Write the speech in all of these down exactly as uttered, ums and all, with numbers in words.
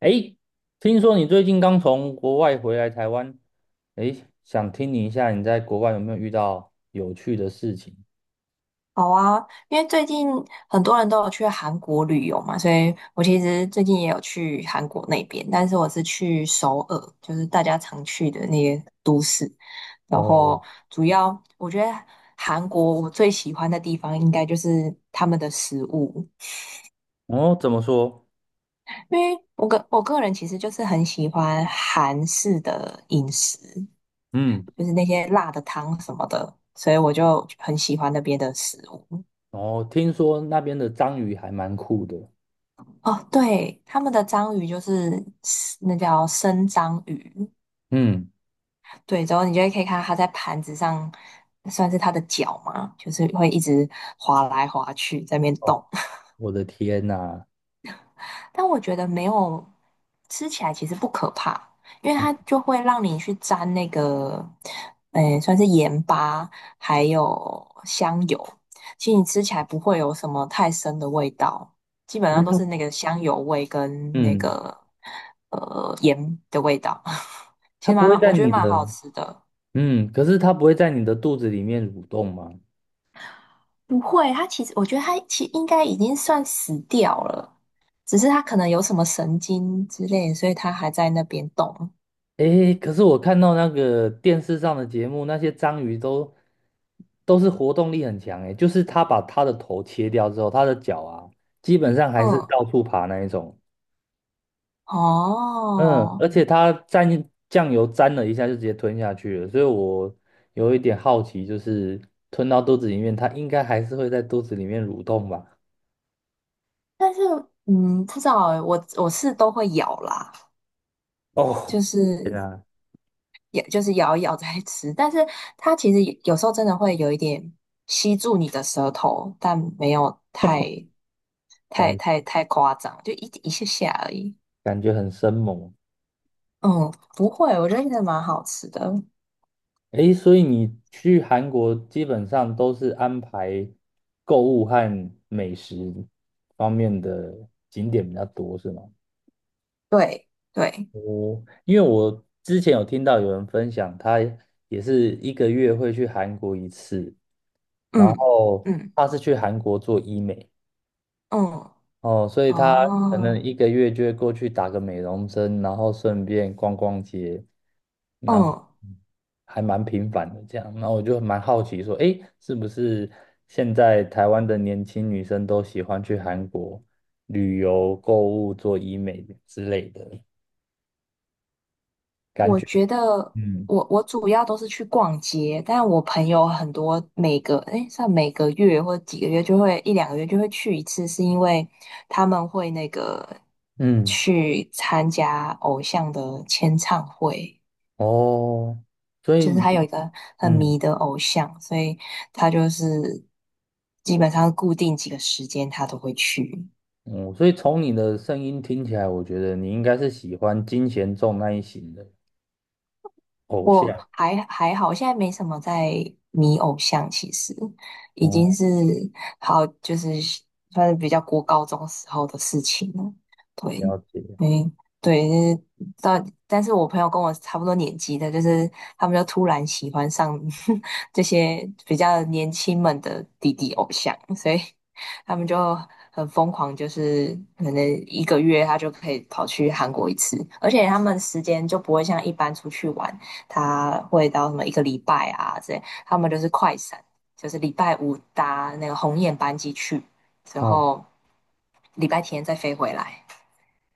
诶，听说你最近刚从国外回来台湾。诶，想听你一下你在国外有没有遇到有趣的事情？好啊，因为最近很多人都有去韩国旅游嘛，所以我其实最近也有去韩国那边，但是我是去首尔，就是大家常去的那些都市。然哦。后主要我觉得韩国我最喜欢的地方应该就是他们的食物，哦，怎么说？因为我个我个人其实就是很喜欢韩式的饮食，嗯。就是那些辣的汤什么的，所以我就很喜欢那边的食物。哦，听说那边的章鱼还蛮酷的。哦，对，他们的章鱼就是那叫生章鱼，嗯。对，然后你就会可以看到它在盘子上，算是它的脚嘛，就是会一直滑来滑去在那边哦，动。我的天呐。但我觉得没有吃起来其实不可怕，因为它就会让你去沾那个，诶，算是盐巴还有香油，其实你吃起来不会有什么太深的味道，基本上都是那个香油味跟那嗯，个呃盐的味道，其它实不会蛮在我觉得你蛮好的，吃的。嗯，可是它不会在你的肚子里面蠕动吗？不会，它其实我觉得它其实应该已经算死掉了，只是它可能有什么神经之类，所以它还在那边动。诶，可是我看到那个电视上的节目，那些章鱼都都是活动力很强诶，就是他把他的头切掉之后，他的脚啊，基本上还是嗯。到处爬那一种。嗯，哦，而且他蘸酱油沾了一下就直接吞下去了，所以我有一点好奇，就是吞到肚子里面，它应该还是会在肚子里面蠕动吧？但是嗯，不知道欸我我是都会咬啦，哦。就是对啊。也就是咬一咬再吃，但是它其实有有时候真的会有一点吸住你的舌头，但没有太太感太太夸张，就一一下下而已。感觉很生猛。嗯，不会，我觉得真的蛮好吃的。诶，所以你去韩国基本上都是安排购物和美食方面的景点比较多，是吗？对对，我因为我之前有听到有人分享，他也是一个月会去韩国一次。然嗯后嗯他是去韩国做医美。嗯，哦，所以他可能哦，一个月就会过去打个美容针，然后顺便逛逛街，然后嗯。还蛮频繁的这样。然后我就蛮好奇说，诶，是不是现在台湾的年轻女生都喜欢去韩国旅游、购物、做医美之类的感我觉？觉得嗯。我我主要都是去逛街，但我朋友很多每个诶，算每个月或几个月就会一两个月就会去一次，是因为他们会那个嗯。去参加偶像的签唱会，哦，所以就是他有你一个很嗯。迷的偶像，所以他就是基本上固定几个时间他都会去。嗯，所以从你的声音听起来，我觉得你应该是喜欢金贤重那一型的偶我像。还还好，现在没什么在迷偶像，其实已经哦。是好，就是算是比较过高中时候的事情了。对，了解。嗯，对，就是但但是我朋友跟我差不多年纪的，就是他们就突然喜欢上 这些比较年轻们的弟弟偶像，所以他们就很疯狂，就是可能一个月他就可以跑去韩国一次，而且他们时间就不会像一般出去玩。他会到什么一个礼拜啊这他们就是快闪，就是礼拜五搭那个鸿雁班机去，之哦。后礼拜天再飞回来。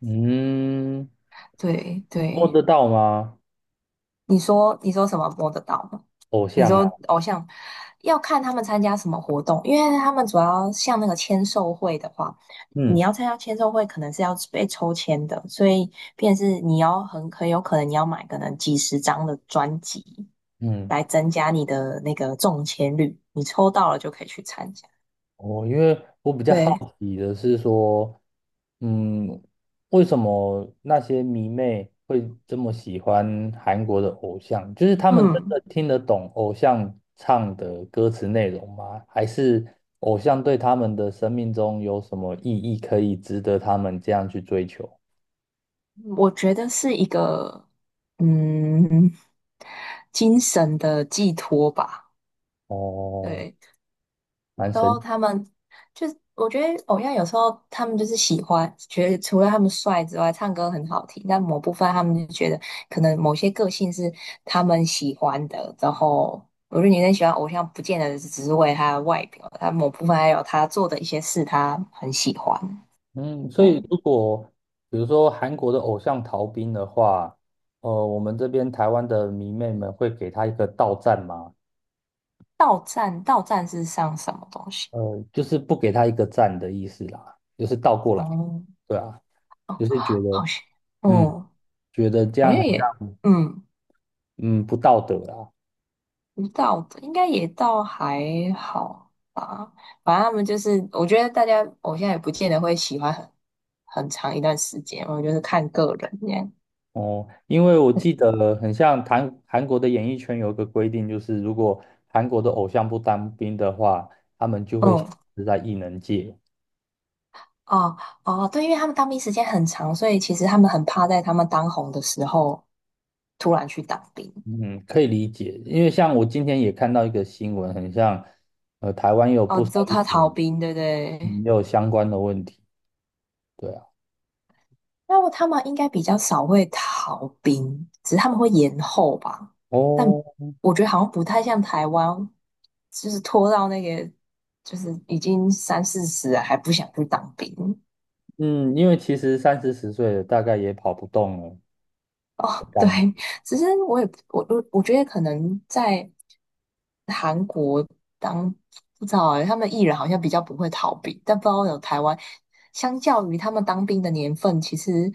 嗯。对摸得对，到吗？你说你说什么摸得到吗？偶你像啊。说偶像要看他们参加什么活动，因为他们主要像那个签售会的话，你嗯。要参加签售会，可能是要被抽签的，所以便是你要很很有可能你要买可能几十张的专辑嗯，来增加你的那个中签率，你抽到了就可以去参加。我因为我比较好对，奇的是说，嗯，为什么那些迷妹会这么喜欢韩国的偶像？就是他们真嗯，的听得懂偶像唱的歌词内容吗？还是偶像对他们的生命中有什么意义，可以值得他们这样去追求？我觉得是一个嗯精神的寄托吧，哦。对。蛮都神。他们就是，我觉得偶像有时候他们就是喜欢，觉得除了他们帅之外，唱歌很好听，但某部分他们就觉得可能某些个性是他们喜欢的。然后我觉得女生喜欢偶像，不见得只是为他的外表，他某部分还有他做的一些事，他很喜欢。嗯，所对，以如果比如说韩国的偶像逃兵的话，呃，我们这边台湾的迷妹们会给他一个倒站吗？到站到站是上什么东西？呃，就是不给他一个赞的意思啦，就是倒过来。哦对啊，就哦，是觉好得，像，嗯，嗯，觉得这好样像很，也，嗯。嗯，不道德啦。不到的应该也倒还好吧，反正他们就是，我觉得大家偶像也不见得会喜欢很很长一段时间，我觉得是看个人这样。哦，因为我记得很像韩韩国的演艺圈有一个规定，就是如果韩国的偶像不当兵的话，他们就会嗯，消嗯失在艺能界。哦哦，对，因为他们当兵时间很长，所以其实他们很怕在他们当红的时候突然去当兵。嗯，可以理解，因为像我今天也看到一个新闻，很像，呃，台湾也有哦，不少之后艺他逃人兵，对不嗯对？也有相关的问题。对啊。那他们应该比较少会逃兵，只是他们会延后吧。但哦。我觉得好像不太像台湾，就是拖到那个就是已经三四十了还不想去当兵。嗯，因为其实三四十岁了，大概也跑不动了的哦，对，感觉。其实我也不我我我觉得可能在韩国当不知道哎，他们艺人好像比较不会逃避，但不知道有台湾，相较于他们当兵的年份，其实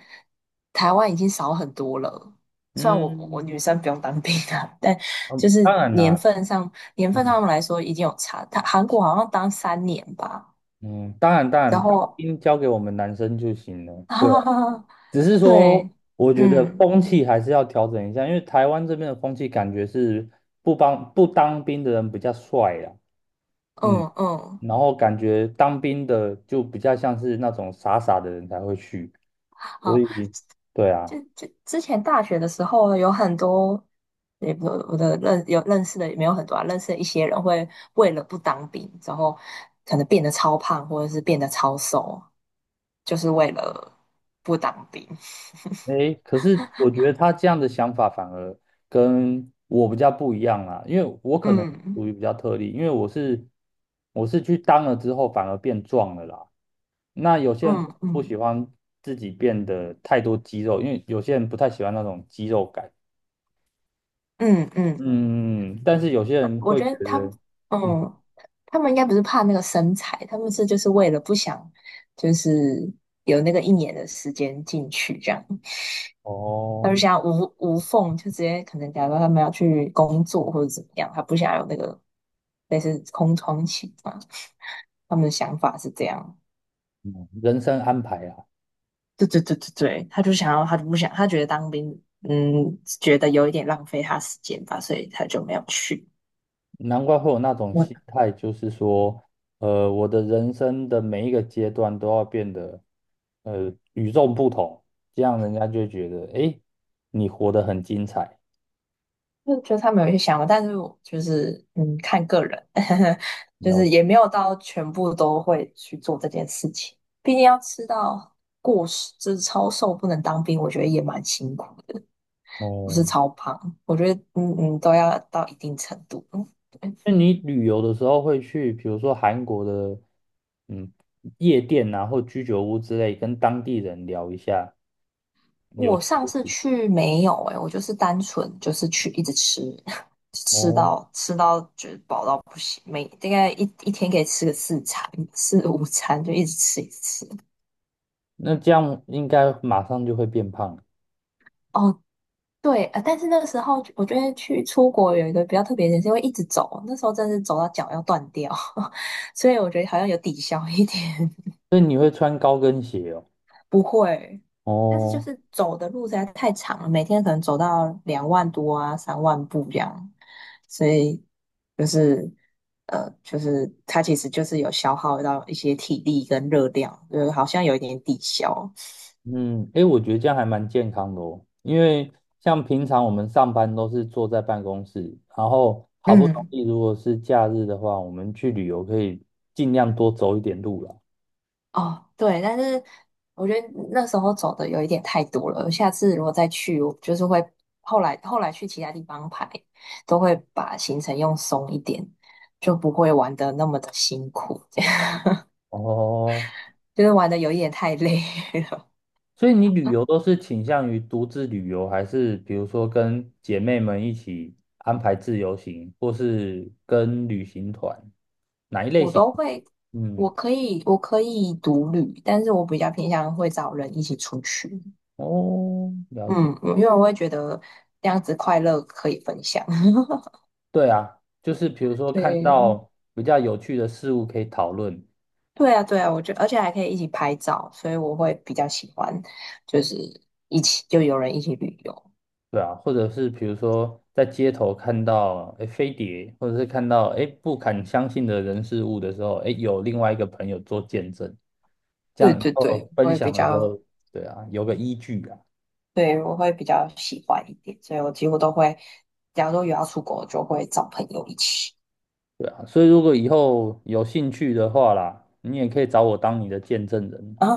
台湾已经少很多了。虽然我我嗯。女生不用当兵啊，但就嗯，是当然年啦。份上年份嗯。上来说已经有差。他韩国好像当三年吧，嗯，当然当然，然当后 兵交给我们男生就行了。哈对哈啊。哈哈，只是 说对，我觉得嗯风气还是要调整一下，因为台湾这边的风气感觉是不帮不当兵的人比较帅啦。嗯。嗯嗯。然后感觉当兵的就比较像是那种傻傻的人才会去，所好，以对啊。就就之前大学的时候，有很多，也不我的认有认识的也没有很多啊，认识的一些人会为了不当兵，然后可能变得超胖，或者是变得超瘦，就是为了不当兵。诶，可是我觉得他这样的想法反而跟我比较不一样啦，因为我可能嗯属于比较特例，因为我是我是去当了之后反而变壮了啦。那有些人可嗯能不嗯喜欢自己变得太多肌肉，因为有些人不太喜欢那种肌肉感。嗯嗯，嗯，但是有些人我会觉觉得他们，得，嗯。嗯，他们应该不是怕那个身材，他们是就是为了不想，就是有那个一年的时间进去这样。他就哦，想要无无缝，就直接可能假如他们要去工作或者怎么样，他不想有那个类似空窗期嘛。他们的想法是这样，嗯人生安排啊。对对对对对，他就想要，他就不想，他觉得当兵，嗯，觉得有一点浪费他时间吧，所以他就没有去。难怪会有那种心我态，就是说，呃，我的人生的每一个阶段都要变得，呃，与众不同，这样人家就会觉得，诶，你活得很精彩。就觉得他们有一些想法，但是我就是嗯，看个人，就了是解。也没有到全部都会去做这件事情。毕竟要吃到过，就是超瘦不能当兵，我觉得也蛮辛苦。不是哦，超胖，我觉得嗯嗯都要到一定程度。嗯，对，那你旅游的时候会去，比如说韩国的，嗯，夜店啊，或居酒屋之类，跟当地人聊一下有我趣上的次事。去没有诶、我就是单纯就是去一直吃，吃哦，到吃到觉得饱到不行，每大概一一天可以吃个四餐四五餐，就一直吃一直吃。那这样应该马上就会变胖。哦，对，呃，但是那个时候我觉得去出国有一个比较特别的点，是因为一直走，那时候真的是走到脚要断掉，所以我觉得好像有抵消一点。所以你会穿高跟鞋哦。不会，但是就哦。是走的路实在太长了，每天可能走到两万多啊、三万步这样，所以就是呃，就是它其实就是有消耗到一些体力跟热量，就是好像有一点抵消。嗯，诶，我觉得这样还蛮健康的哦，因为像平常我们上班都是坐在办公室，然后好不容嗯，易如果是假日的话，我们去旅游可以尽量多走一点路啦。哦，对，但是我觉得那时候走的有一点太多了，下次如果再去，我就是会后来后来去其他地方排，都会把行程用松一点，就不会玩的那么的辛苦。哦，就是玩的有一点太累了。所以你旅游都是倾向于独自旅游，还是比如说跟姐妹们一起安排自由行，或是跟旅行团，哪一 类我型？都会，嗯。我可以，我可以独旅，但是我比较偏向会找人一起出去。哦，了解。嗯，嗯因为我会觉得这样子快乐可以分享。对啊，就是比如说看对，到比较有趣的事物可以讨论。对啊，对啊，我觉得，而且还可以一起拍照，所以我会比较喜欢，就是一起就有人一起旅游。对啊，或者是比如说在街头看到诶飞碟，或者是看到诶不敢相信的人事物的时候，诶有另外一个朋友做见证，这对样以对后对，我分会比享的时候，较，对啊，有个依据啊。对，我会比较喜欢一点，所以我几乎都会，假如说有要出国，就会找朋友一起。对啊，所以如果以后有兴趣的话啦，你也可以找我当你的见证 人。啊，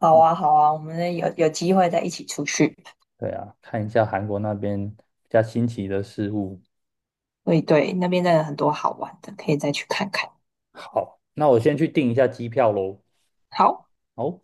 好啊，好啊，我们有有机会再一起出去。对啊，看一下韩国那边比较新奇的事物。对对，那边真的很多好玩的，可以再去看看。好，那我先去订一下机票喽。好。好。